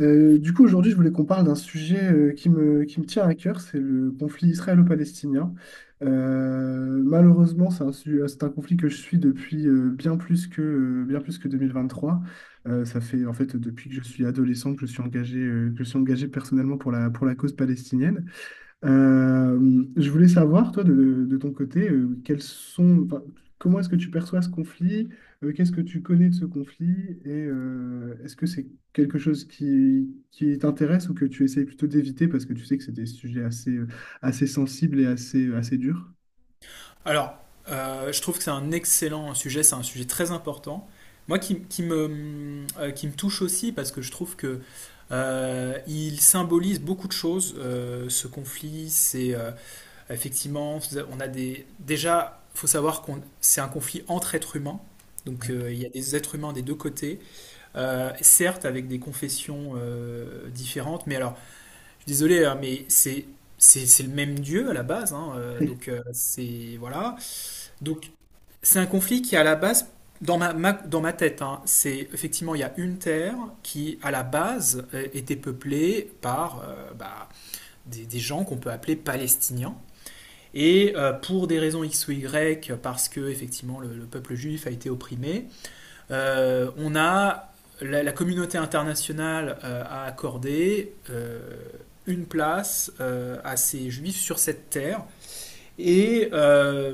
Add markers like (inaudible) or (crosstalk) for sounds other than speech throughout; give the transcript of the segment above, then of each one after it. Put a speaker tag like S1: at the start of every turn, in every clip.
S1: Du coup, aujourd'hui, je voulais qu'on parle d'un sujet qui me tient à cœur, c'est le conflit israélo-palestinien. Malheureusement, c'est c'est un conflit que je suis depuis bien plus que 2023. Ça fait en fait depuis que je suis adolescent que je suis engagé personnellement pour la cause palestinienne. Je voulais savoir, toi, de ton côté, quels sont, enfin, comment est-ce que tu perçois ce conflit? Qu'est-ce que tu connais de ce conflit? Et est-ce que c'est quelque chose qui t'intéresse ou que tu essayes plutôt d'éviter parce que tu sais que c'est des sujets assez sensibles et assez durs?
S2: Alors, je trouve que c'est un excellent sujet, c'est un sujet très important. Moi, qui me touche aussi parce que je trouve que il symbolise beaucoup de choses, ce conflit. C'est Effectivement, on a des. Déjà, faut savoir qu'on c'est un conflit entre êtres humains. Donc, il y a des êtres humains des deux côtés. Certes avec des confessions différentes. Mais alors, je suis désolé, hein, mais c'est le même Dieu à la base, hein, donc, c'est voilà. Donc, c'est un conflit qui, à la base, dans ma tête, hein, c'est effectivement, il y a une terre qui, à la base, était peuplée par bah, des gens qu'on peut appeler palestiniens. Et pour des raisons X ou Y, parce que, effectivement, le peuple juif a été opprimé, euh, on a, la, la communauté internationale a accordé une place à ces juifs sur cette terre et, euh,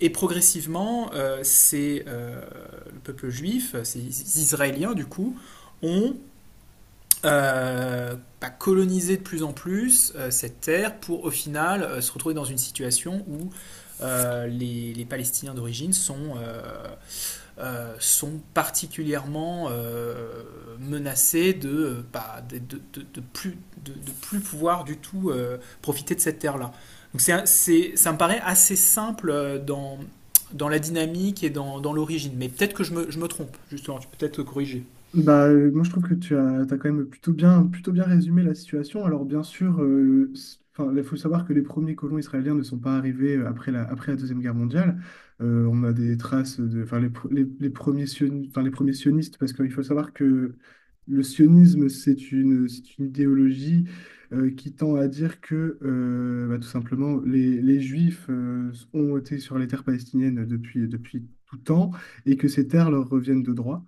S2: et progressivement, c'est le peuple juif, ces Israéliens du coup, ont euh, bah, colonisé de plus en plus cette terre pour au final se retrouver dans une situation où les Palestiniens d'origine sont, sont particulièrement menacés de, bah, de, plus, de plus pouvoir du tout profiter de cette terre-là. Donc ça me paraît assez simple dans la dynamique et dans l'origine, mais peut-être que je me trompe, justement, tu peux peut-être corriger.
S1: Bah, moi, je trouve que t'as quand même plutôt bien résumé la situation. Alors, bien sûr, enfin, il faut savoir que les premiers colons israéliens ne sont pas arrivés après la Deuxième Guerre mondiale. On a des traces de, enfin, les premiers sionistes, enfin, les premiers sionistes, parce qu'il faut savoir que le sionisme, c'est une idéologie qui tend à dire que, bah, tout simplement, les Juifs ont été sur les terres palestiniennes depuis tout temps et que ces terres leur reviennent de droit.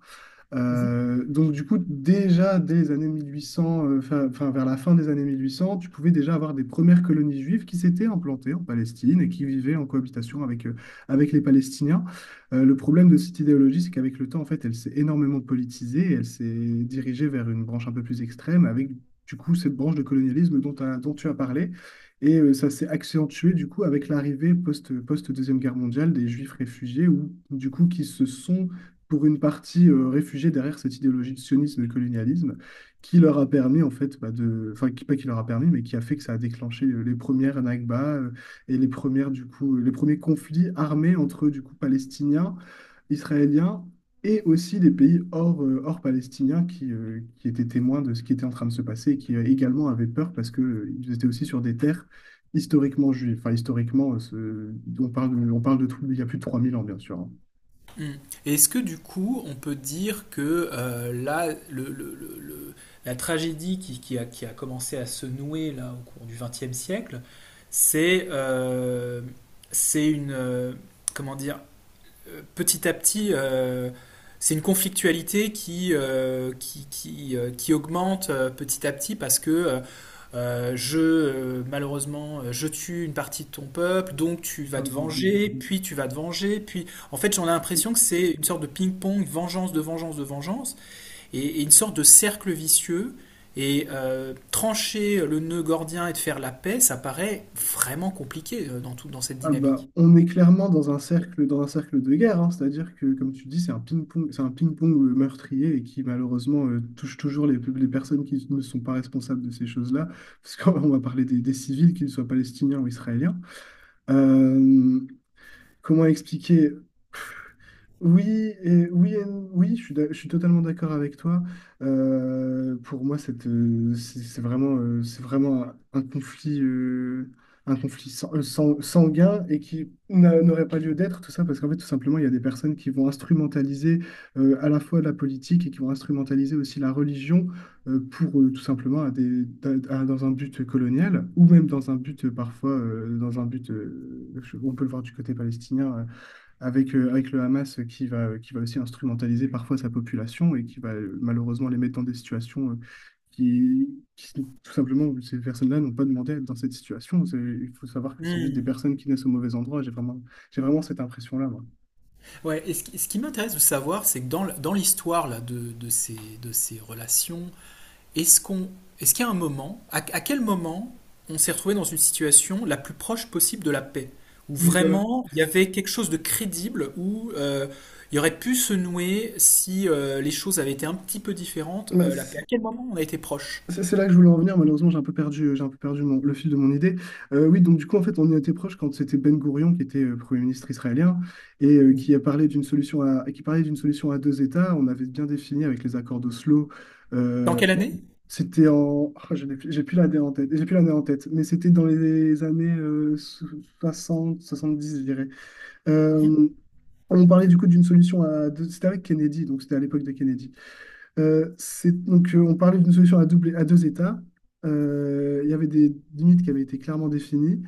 S2: Mhm.
S1: Donc du coup, déjà dès les années 1800, enfin vers la fin des années 1800, tu pouvais déjà avoir des premières colonies juives qui s'étaient implantées en Palestine et qui vivaient en cohabitation avec les Palestiniens. Le problème de cette idéologie, c'est qu'avec le temps, en fait, elle s'est énormément politisée et elle s'est dirigée vers une branche un peu plus extrême avec du coup cette branche de colonialisme dont tu as parlé. Et ça s'est accentué du coup avec l'arrivée post-deuxième guerre mondiale des juifs réfugiés ou du coup qui se sont pour une partie réfugiée derrière cette idéologie de sionisme et de colonialisme qui leur a permis, en fait, bah, de... enfin, qui, pas qui leur a permis, mais qui a fait que ça a déclenché les premières Nakba et les premiers conflits armés entre, du coup, Palestiniens, Israéliens et aussi les pays hors palestiniens qui étaient témoins de ce qui était en train de se passer et qui également avaient peur parce que, ils étaient aussi sur des terres historiquement juives. Enfin, historiquement, on parle de tout, il y a plus de 3 000 ans, bien sûr.
S2: Mm. Et est-ce que du coup, on peut dire que là, la tragédie qui a commencé à se nouer là au cours du XXe siècle, c'est euh, c'est une comment dire petit à petit, c'est une conflictualité qui augmente petit à petit parce que malheureusement, je tue une partie de ton peuple, donc tu vas te venger,
S1: Hein.
S2: puis tu vas te venger, puis... En fait, j'en ai l'impression que c'est une sorte de ping-pong, vengeance de vengeance de vengeance, et une sorte de cercle vicieux. Et trancher le nœud gordien et de faire la paix, ça paraît vraiment compliqué dans cette
S1: Ah bah,
S2: dynamique.
S1: on est clairement dans un cercle de guerre, hein. C'est-à-dire que, comme tu dis, c'est un ping-pong meurtrier et qui malheureusement touche toujours les personnes qui ne sont pas responsables de ces choses-là, parce qu'on va parler des civils, qu'ils soient palestiniens ou israéliens. Euh, Comment expliquer? Oui, et, oui, et non. Oui, je je suis totalement d'accord avec toi. Pour moi, cette, c'est vraiment un conflit, un conflit sanguin et qui n'aurait pas lieu d'être, tout ça, parce qu'en fait, tout simplement, il y a des personnes qui vont instrumentaliser à la fois la politique et qui vont instrumentaliser aussi la religion pour tout simplement à des, à- dans un but colonial ou même dans un but parfois, dans un but, on peut le voir du côté palestinien. Avec le Hamas qui va aussi instrumentaliser parfois sa population et qui va malheureusement les mettre dans des situations qui, qui, tout simplement, ces personnes-là n'ont pas demandé à être dans cette situation. Il faut savoir que c'est juste des
S2: Hmm.
S1: personnes qui naissent au mauvais endroit. J'ai vraiment cette impression-là, moi.
S2: Ouais, et ce qui m'intéresse de savoir, c'est que dans l'histoire là, de ces relations, est-ce qu'on, est-ce qu'il y a un moment, à quel moment on s'est retrouvé dans une situation la plus proche possible de la paix, où
S1: Oui, voilà.
S2: vraiment il y avait quelque chose de crédible, où il y aurait pu se nouer si les choses avaient été un petit peu différentes,
S1: Ben,
S2: la paix. À
S1: c'est-
S2: quel moment on a été proche?
S1: C'est c'est là que je voulais en venir, malheureusement j'ai un peu perdu le fil de mon idée. Oui, donc du coup en fait on y était proche quand c'était Ben Gourion qui était Premier ministre israélien et
S2: Mhm.
S1: qui a parlé qui parlait d'une solution à deux États. On avait bien défini avec les accords d'Oslo.
S2: Dans
S1: Euh,
S2: quelle année?
S1: c'était en, ah, je n'ai plus- J'ai plus la date en tête, j'ai plus l'année en tête, mais c'était dans les années 60, 70, je dirais. Euh, on parlait du coup d'une solution à deux, c'était avec Kennedy, donc c'était à l'époque de Kennedy. On parlait d'une solution à deux États. Il y avait des limites qui avaient été clairement définies.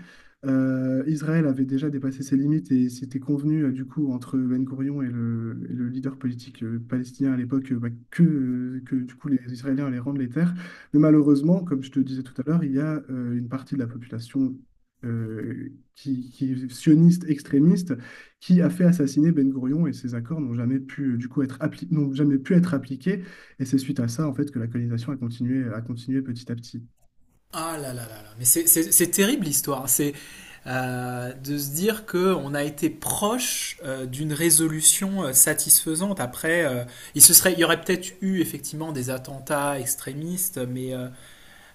S1: Israël avait déjà dépassé ses limites et c'était convenu, du coup, entre Ben Gourion et le leader politique palestinien à l'époque, que, du coup, les Israéliens allaient rendre les terres. Mais malheureusement, comme je te disais tout à l'heure, il y a une partie de la population euh, qui est sioniste, extrémiste, qui a fait assassiner Ben Gourion et ses accords n'ont jamais pu, n'ont jamais pu être appliqués. Et c'est suite à ça, en fait, que la colonisation a continué petit à petit.
S2: Ah là là là là, mais c'est terrible l'histoire. C'est de se dire que on a été proche d'une résolution satisfaisante. Après, il y aurait peut-être eu effectivement des attentats extrémistes, mais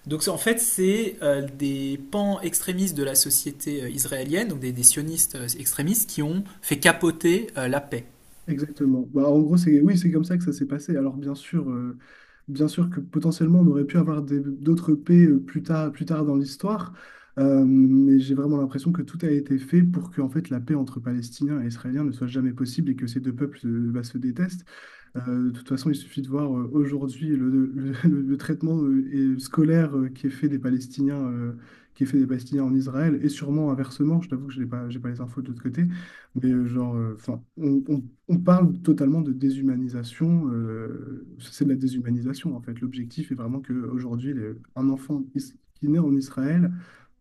S2: donc c'est- en fait c'est des pans extrémistes de la société israélienne, donc des sionistes extrémistes qui ont fait capoter la paix.
S1: Exactement. Bah, en gros, c'est, oui, c'est comme ça que ça s'est passé. Alors, bien sûr que potentiellement, on aurait pu avoir d'autres paix plus tard dans l'histoire, mais j'ai vraiment l'impression que tout a été fait pour que, en fait, la paix entre Palestiniens et Israéliens ne soit jamais possible et que ces deux peuples, bah, se détestent. De toute façon, il suffit de voir aujourd'hui (laughs) le traitement et scolaire qui est fait des Palestiniens en Israël, et sûrement inversement. Je t'avoue que je n'ai pas, j'ai pas les infos de l'autre côté, mais genre, 'fin, on parle totalement de déshumanisation. C'est de la déshumanisation en fait. L'objectif est vraiment qu'aujourd'hui, un enfant qui naît en Israël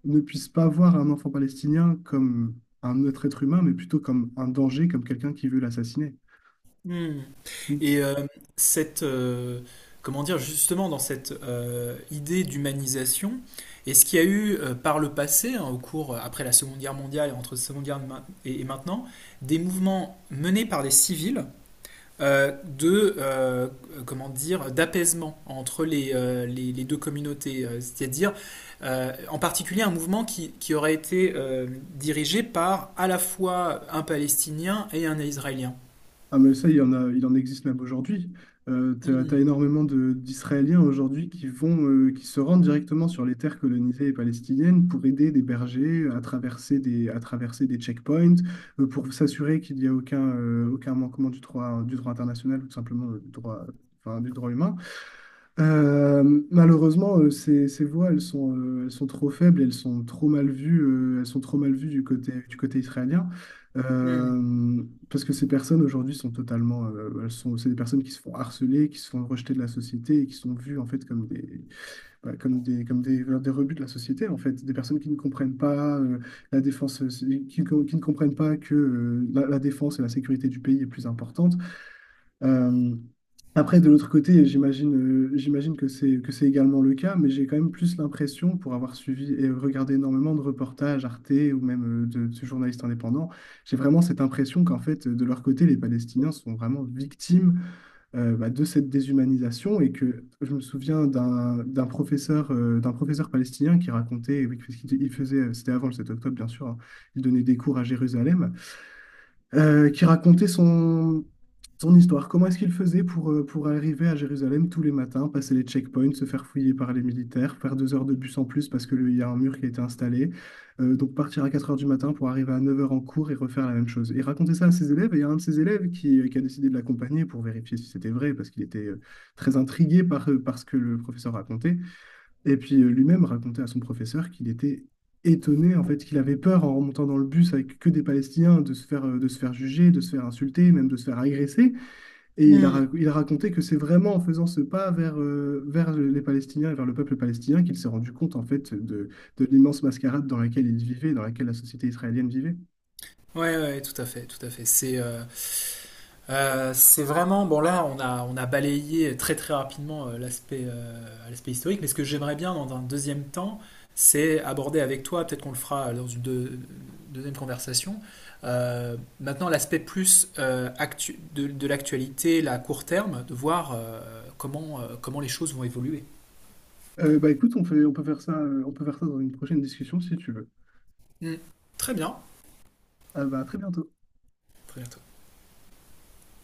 S1: ne puisse pas voir un enfant palestinien comme un autre être humain, mais plutôt comme un danger, comme quelqu'un qui veut l'assassiner.
S2: Hmm. Et cette, justement dans cette idée d'humanisation, est-ce qu'il y a eu par le passé, hein, après la Seconde Guerre mondiale et entre la Seconde Guerre ma- et maintenant, des mouvements menés par des civils euh, de, euh, d'apaisement entre les deux communautés, c'est-à-dire en particulier un mouvement qui aurait été dirigé par à la fois un Palestinien et un Israélien.
S1: Ah mais ça, il y en a, il en existe même aujourd'hui. T'as
S2: Hmm.
S1: énormément d'Israéliens aujourd'hui qui qui se rendent directement sur les terres colonisées et palestiniennes pour aider des bergers à traverser des checkpoints, pour s'assurer qu'il n'y a aucun manquement du droit international ou tout simplement du droit, enfin, du droit humain. Euh, Malheureusement, ces voix, elles sont trop faibles, elles sont trop mal vues, elles sont trop mal vues du côté israélien.
S2: Hmm.
S1: Euh, Parce que ces personnes aujourd'hui sont totalement, c'est des personnes qui se font harceler, qui se font rejeter de la société et qui sont vues en fait comme des, bah, comme des rebuts de la société en fait, des personnes qui ne comprennent pas la défense, qui ne comprennent pas que la défense et la sécurité du pays est plus importante. euh, Après, de l'autre côté, j'imagine que c'est également le cas, mais j'ai quand même plus l'impression, pour avoir suivi et regardé énormément de reportages Arte ou même de journalistes indépendants, j'ai vraiment cette impression qu'en fait, de leur côté, les Palestiniens sont vraiment victimes bah, de cette déshumanisation. Et que je me souviens d'un professeur d'un professeur palestinien qui racontait, oui, parce il faisait, c'était avant le 7 octobre bien sûr, hein, il donnait des cours à Jérusalem, qui racontait son histoire, comment est-ce qu'il faisait pour arriver à Jérusalem tous les matins, passer les checkpoints, se faire fouiller par les militaires, faire 4 heures de bus en plus parce qu'il y a un mur qui a été installé, donc partir à 4 heures du matin pour arriver à 9 heures en cours et refaire la même chose. Et raconter ça à ses élèves, et il y a un de ses élèves qui a décidé de l'accompagner pour vérifier si c'était vrai, parce qu'il était très intrigué par ce que le professeur racontait. Et puis lui-même racontait à son professeur qu'il était étonné en fait qu'il avait peur en remontant dans le bus avec que des Palestiniens de se faire juger, de se faire insulter, même de se faire agresser. Et il a,
S2: Hmm.
S1: rac- il a raconté que c'est vraiment en faisant ce pas vers les Palestiniens et vers le peuple palestinien qu'il s'est rendu compte en fait de l'immense mascarade dans laquelle il vivait, dans laquelle la société israélienne vivait.
S2: Ouais, ouais, tout à fait, tout à fait. C'est vraiment bon là, on a balayé très très rapidement l'aspect historique, mais ce que j'aimerais bien dans un deuxième temps, c'est aborder avec toi, peut-être qu'on le fera dans une deuxième conversation. Euh, maintenant, l'aspect plus de l'actualité, la court terme, de voir comment les choses vont évoluer.
S1: Bah écoute, on peut faire ça dans une prochaine discussion si tu veux.
S2: Hmm. Très bien,
S1: Ah bah, à très bientôt.
S2: très bien.